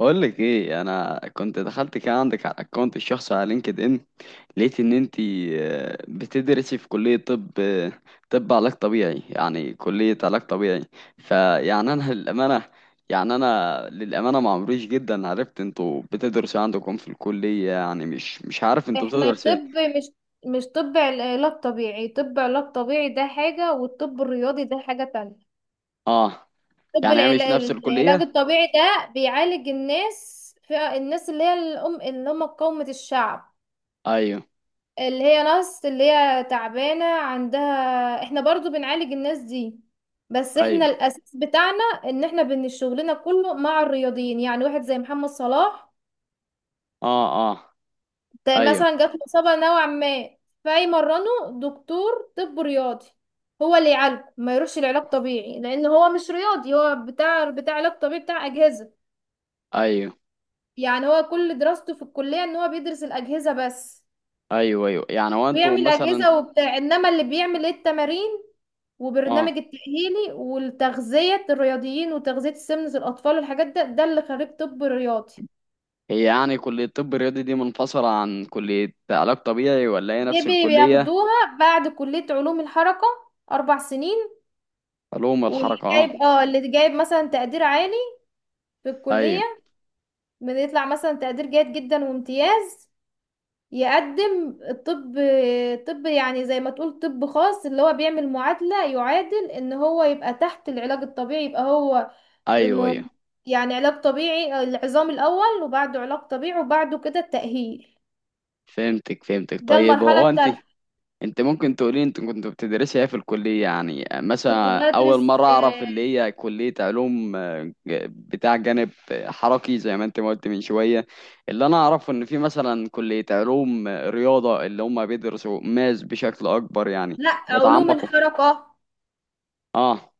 بقول لك ايه، انا كنت دخلت كده عندك على الاكونت الشخصي على لينكد ان. لقيت ان انت بتدرسي في كلية طب، طب علاج طبيعي، يعني كلية علاج طبيعي. فيعني انا للامانة معمريش جدا عرفت انتوا بتدرسوا عندكم في الكلية، يعني مش عارف انتوا احنا بتدرسوا طب ايه. مش مش طب علاج طبيعي. طب علاج طبيعي ده حاجة والطب الرياضي ده حاجة تانية. اه. طب يعني هي مش نفس العلاج الكلية. الطبيعي ده بيعالج الناس، في الناس اللي هي الأم اللي هم قومة الشعب، ايوه. اللي هي ناس اللي هي تعبانة عندها. احنا برضو بنعالج الناس دي، بس احنا ايوه. الأساس بتاعنا ان احنا شغلنا كله مع الرياضيين، يعني واحد زي محمد صلاح اه، اه. ده ايوه. مثلا جات له إصابة نوعا ما، فيمرنه دكتور طب رياضي، هو اللي يعالجه، ما يروحش لعلاج طبيعي لأن هو مش رياضي، هو بتاع علاج طبيعي، بتاع أجهزة. ايوه، يعني هو كل دراسته في الكلية إن هو بيدرس الأجهزة بس، ايوه، ايوه، يعني هو انتوا بيعمل مثلا. أجهزة وبتاع، إنما اللي بيعمل إيه التمارين اه. وبرنامج التأهيلي والتغذية الرياضيين وتغذية سمنة الأطفال والحاجات ده اللي خريج طب رياضي. هي يعني كلية طب رياضي دي منفصلة عن كلية علاج طبيعي، ولا هي دي نفس الكلية؟ بياخدوها بعد كلية علوم الحركة، 4 سنين. علوم واللي الحركة، اه. جايب اللي جايب مثلا تقدير عالي في الكلية، ايوه. بيطلع مثلا تقدير جيد جدا وامتياز، يقدم الطب. طب يعني زي ما تقول طب خاص، اللي هو بيعمل معادلة، يعادل ان هو يبقى تحت العلاج الطبيعي، يبقى هو ايوه. م- ايوه، يعني علاج طبيعي، العظام الاول وبعده علاج طبيعي وبعده كده التأهيل، فهمتك فهمتك، ده طيب المرحلة هو انت التالتة. انت ممكن تقولي انت كنت بتدرسي ايه في الكلية؟ يعني كنت مثلا اول بدرس مرة اعرف اللي هي كلية علوم، بتاع جانب حركي، زي ما انت ما قلت من شوية. اللي انا اعرفه ان في مثلا كلية علوم، رياضة، اللي هم بيدرسوا ماس بشكل اكبر يعني، لا، علوم بيتعمقوا. الحركة. اه.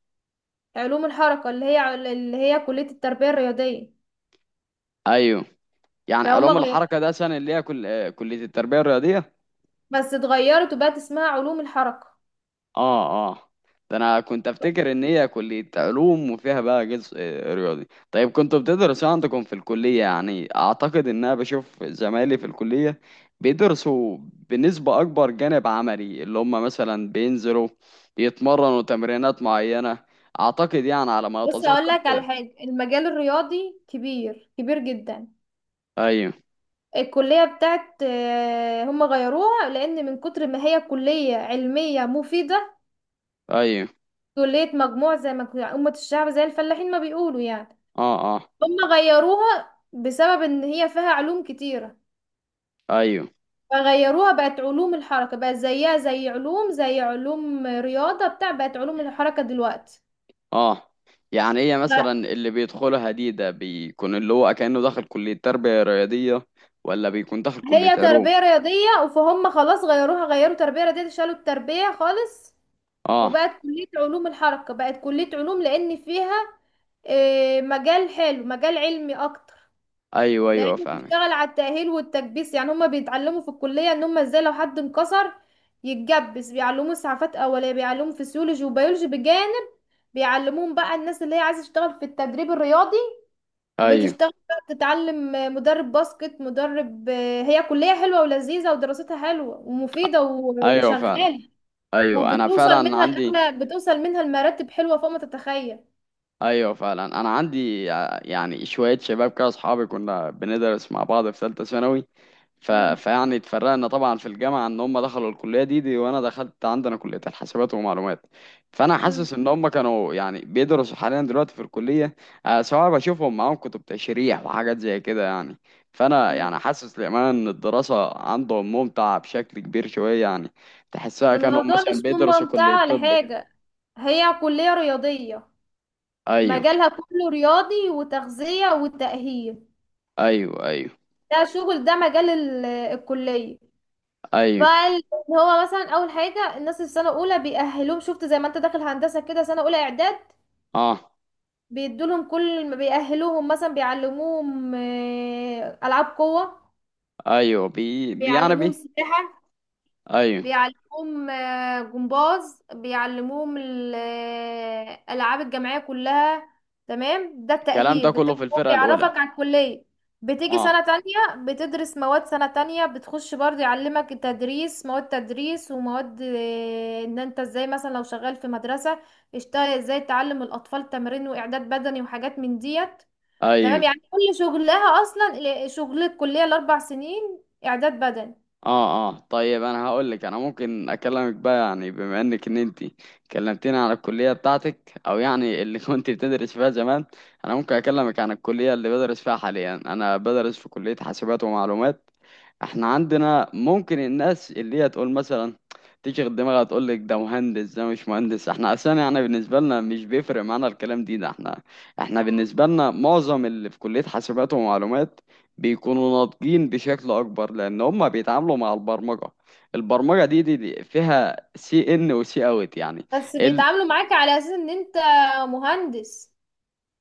علوم الحركة اللي هي كلية التربية الرياضية، ايوه. يعني فهم علوم غيروا، الحركة ده سنة اللي هي كل... آه، كلية التربية الرياضية. بس اتغيرت وبقت اسمها علوم الحركة. اه، اه. ده انا كنت افتكر ان هي كلية علوم وفيها بقى جزء رياضي. طيب كنتوا بتدرسوا إيه عندكم في الكلية؟ يعني اعتقد ان انا بشوف زمايلي في الكلية بيدرسوا بنسبة اكبر جانب عملي، اللي هم مثلا بينزلوا يتمرنوا تمرينات معينة، اعتقد يعني على ما بص هقول اتذكر لك كده. على حاجة، المجال الرياضي كبير جدا. ايوه. الكلية بتاعت هم غيروها لأن من كتر ما هي كلية علمية مفيدة، ايوه. كلية مجموع، زي ما كنا- أمة الشعب زي الفلاحين ما بيقولوا يعني، اه، اه. هم غيروها بسبب إن هي فيها علوم كتيرة، ايوه. فغيروها بقت علوم الحركة، بقت زيها زي علوم، زي علوم رياضة بتاع، بقت علوم الحركة دلوقتي. اه. يعني هي مثلا اللي بيدخلها دي ده بيكون اللي هو كأنه داخل كلية تربية رياضية، ولا بيكون داخل كلية هي علوم؟ تربية رياضية، فهم خلاص غيروها، غيروا تربية رياضية، شالوا التربية خالص اه. وبقت كلية علوم الحركة، بقت كلية علوم لأن فيها مجال حلو، مجال علمي أكتر، ايوه، ايوه، لأنه فاهمك. بيشتغل على التأهيل والتكبيس. يعني هما بيتعلموا في الكلية إن هما إزاي لو حد انكسر يتجبس، بيعلموه إسعافات أولية، بيعلموه فسيولوجي وبيولوجي بجانب، بيعلموهم بقى الناس اللي هي عايزة تشتغل في التدريب الرياضي ايوه، بتشتغل بقى، بتتعلم مدرب باسكت، مدرب. هي كلية حلوة ولذيذة ودراستها حلوة ومفيدة ايوه فعلا. وشغالة، ايوه انا وبتوصل فعلا منها عندي. لأعلى، بتوصل منها لمراتب حلوة فوق ما تتخيل. ايوه فعلا، انا عندي يعني شويه شباب كده اصحابي كنا بندرس مع بعض في ثالثه ثانوي. مم. فيعني اتفرقنا طبعا في الجامعه ان هم دخلوا الكليه دي وانا دخلت عندنا كليه الحاسبات ومعلومات. فانا مم. حاسس ان هم كانوا يعني بيدرسوا حاليا دلوقتي في الكليه، سواء بشوفهم معاهم كتب تشريح وحاجات زي كده يعني. فانا مم. يعني حاسس للامانه ان الدراسه عندهم ممتعه بشكل كبير شويه يعني، تحسها كانوا الموضوع مش مثلا بيدرسوا ممتع كليه ولا طب كده. حاجة، هي كلية رياضية، ايوه، مجالها كله رياضي وتغذية وتأهيل، ايوه. ايوه، ده شغل، ده مجال الكلية. ايوه. فال- هو مثلا أول حاجة الناس السنة الأولى بيأهلوهم، شفت زي ما أنت داخل هندسة كده سنة أولى إعداد، اه. بيدولهم كل ما بيأهلوهم مثلا بيعلموهم ألعاب قوة، ايوه. بي... بي يعني بيعلموهم بي سباحة، ايوه. بيعلموهم جمباز، بيعلموهم الألعاب الجماعية كلها. تمام، ده الكلام ده التأهيل، كله في بالتأهيل هو الفرقه بيعرفك الاولى. على الكلية. بتيجي اه. سنة تانية بتدرس مواد سنة تانية، بتخش برضه يعلمك التدريس، مواد تدريس ومواد ان انت ازاي مثلا لو شغال في مدرسة اشتغل ازاي، تعلم الأطفال تمرين وإعداد بدني وحاجات من ديت. ايوه. تمام، يعني كل شغلها، اصلا شغل الكليه ال4 سنين اعداد بدني. اه، اه، طيب انا هقول لك، انا ممكن اكلمك بقى يعني بما انك ان انت كلمتيني عن الكليه بتاعتك، او يعني اللي كنت بتدرس فيها زمان. انا ممكن اكلمك عن الكليه اللي بدرس فيها حاليا. انا بدرس في كليه حاسبات ومعلومات. احنا عندنا ممكن الناس اللي هي تقول مثلا، تشغل دماغها تقول لك ده مهندس ده مش مهندس. احنا اصلا يعني بالنسبه لنا مش بيفرق معانا الكلام دي ده. احنا احنا بالنسبه لنا معظم اللي في كليه حاسبات ومعلومات بيكونوا ناضجين بشكل اكبر، لان هم بيتعاملوا مع البرمجه. البرمجه دي فيها سي ان وسي اوت يعني. بس ال... بيتعاملوا معاك على اساس ان انت مهندس.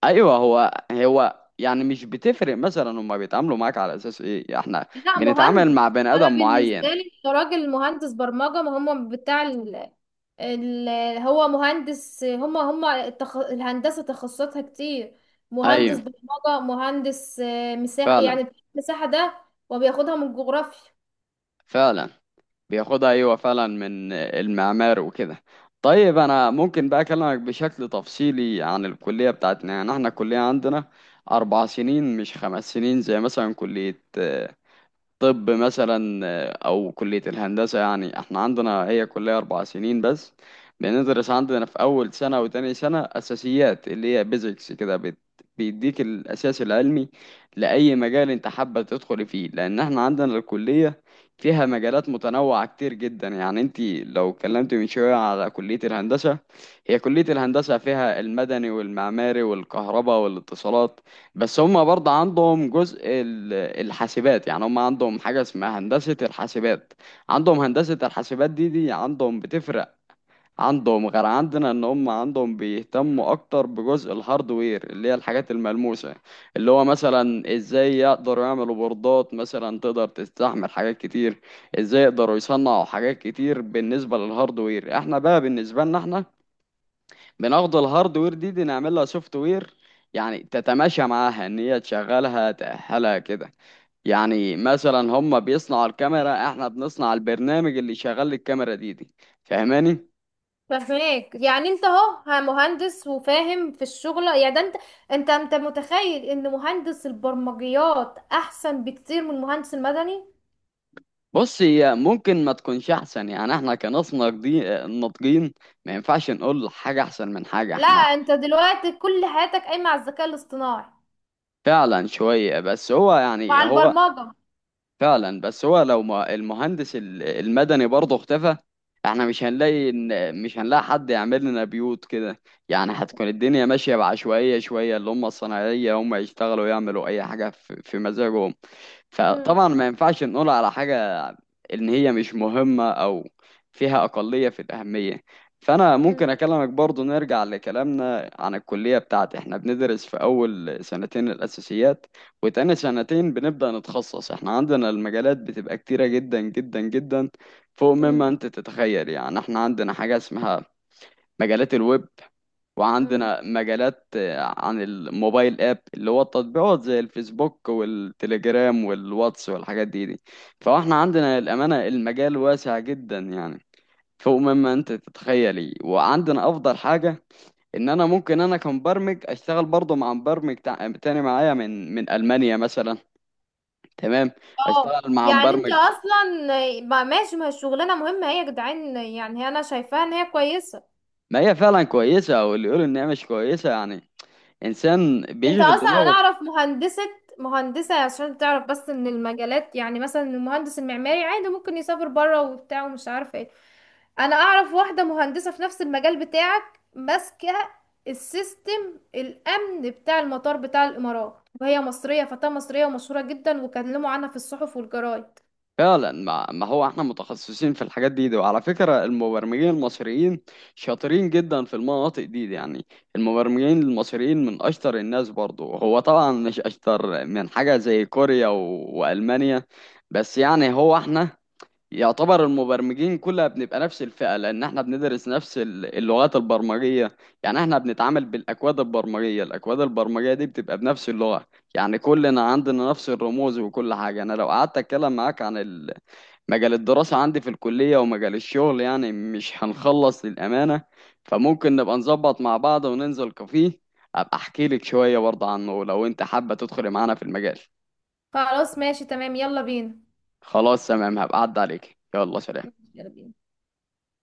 ايوه، هو هو يعني مش بتفرق مثلا هم بيتعاملوا معاك على اساس ايه، احنا لا، بنتعامل مهندس. مع بني انا ادم بالنسبه معين. لي إنت راجل مهندس برمجه، ما هم بتاع ال... هو مهندس، الهندسه تخصصاتها كتير، مهندس ايوه برمجه، مهندس مساحه فعلا. يعني، مساحه ده وبياخدها من الجغرافيا. فعلا، بياخدها ايوه فعلا من المعمار وكده. طيب انا ممكن بقى اكلمك بشكل تفصيلي عن الكليه بتاعتنا. يعني احنا الكليه عندنا اربع سنين، مش خمس سنين زي مثلا كليه طب مثلا، او كلية الهندسة. يعني احنا عندنا هي كلية اربع سنين بس. بندرس عندنا في اول سنة وتاني سنة اساسيات، اللي هي بيزكس كده، بيديك الاساس العلمي لاي مجال انت حابة تدخل فيه، لان احنا عندنا الكلية فيها مجالات متنوعة كتير جدا. يعني انت لو اتكلمت من شوية على كلية الهندسة، هي كلية الهندسة فيها المدني والمعماري والكهرباء والاتصالات، بس هم برضه عندهم جزء الحاسبات. يعني هم عندهم حاجة اسمها هندسة الحاسبات. عندهم هندسة الحاسبات دي عندهم بتفرق عندهم غير عندنا، ان هم عندهم بيهتموا اكتر بجزء الهاردوير اللي هي الحاجات الملموسة، اللي هو مثلا ازاي يقدروا يعملوا بوردات مثلا تقدر تستحمل حاجات كتير، ازاي يقدروا يصنعوا حاجات كتير بالنسبة للهاردوير. احنا بقى بالنسبة لنا احنا بناخد الهاردوير دي نعمل لها سوفت وير، يعني تتماشى معاها ان هي تشغلها تأهلها كده. يعني مثلا هم بيصنعوا الكاميرا، احنا بنصنع البرنامج اللي شغال الكاميرا دي. فاهماني؟ فهماك، يعني انت اهو مهندس وفاهم في الشغل يعني، ده انت، انت متخيل ان مهندس البرمجيات احسن بكتير من المهندس المدني. بص هي ممكن ما تكونش احسن، يعني احنا كناس ناضجين ناضجين ما ينفعش نقول حاجة احسن من حاجة. لا، احنا انت دلوقتي كل حياتك قايمه على الذكاء الاصطناعي فعلا شوية بس هو يعني وعلى هو البرمجه. فعلا، بس هو لو ما المهندس المدني برضه اختفى، احنا مش هنلاقي ان مش هنلاقي حد يعمل لنا بيوت كده، يعني هتكون الدنيا ماشية بعشوائية شوية، اللي هم الصناعية هم يشتغلوا يعملوا اي حاجة في في مزاجهم. مم. فطبعا ما ينفعش نقول على حاجة إن هي مش مهمة، أو فيها أقلية في الأهمية. فأنا مم. ممكن أكلمك برضو، نرجع لكلامنا عن الكلية بتاعتي. إحنا بندرس في أول سنتين الأساسيات، وتاني سنتين بنبدأ نتخصص. إحنا عندنا المجالات بتبقى كتيرة جدا جدا جدا فوق مما مم. أنت تتخيل. يعني إحنا عندنا حاجة اسمها مجالات الويب، مم. وعندنا مجالات عن الموبايل اب اللي هو التطبيقات زي الفيسبوك والتليجرام والواتس والحاجات دي. فاحنا عندنا الأمانة المجال واسع جدا يعني، فوق مما انت تتخيلي. وعندنا افضل حاجة ان انا ممكن انا كمبرمج اشتغل برضه مع مبرمج تاني معايا من من المانيا مثلا. تمام، اه، اشتغل مع يعني انت مبرمج. اصلا ماشي، ما هي الشغلانه مهمه، هي يا جدعان يعني، هي انا شايفاها ان هي كويسه. ما هي فعلا كويسة، واللي يقول ان هي مش كويسة يعني انسان انت بيشغل اصلا انا دماغه. اعرف مهندسة، مهندسة عشان تعرف بس ان المجالات، يعني مثلا المهندس المعماري عادي ممكن يسافر بره وبتاع ومش عارفة ايه. انا اعرف واحدة مهندسة في نفس المجال بتاعك، ماسكة السيستم الامن بتاع المطار بتاع الامارات، وهي مصرية، فتاة مصرية ومشهورة جدا وكلموا عنها في الصحف والجرايد. فعلا، ما ما هو احنا متخصصين في الحاجات دي. وعلى فكرة المبرمجين المصريين شاطرين جدا في المناطق دي يعني. المبرمجين المصريين من اشطر الناس برضو، هو طبعا مش اشطر من حاجة زي كوريا والمانيا. بس يعني هو احنا يعتبر المبرمجين كلها بنبقى نفس الفئة، لان احنا بندرس نفس اللغات البرمجية. يعني احنا بنتعامل بالاكواد البرمجية، الاكواد البرمجية دي بتبقى بنفس اللغة. يعني كلنا عندنا نفس الرموز وكل حاجة. انا لو قعدت اتكلم معاك عن مجال الدراسة عندي في الكلية ومجال الشغل يعني مش هنخلص للأمانة. فممكن نبقى نظبط مع بعض وننزل كافيه، أبقى أحكي لك شوية برضه عنه لو أنت حابة تدخلي معانا في المجال. خلاص، ماشي تمام، يلا بينا. خلاص تمام، هبقى أعد عليك، يلا سلام. يلا بينا.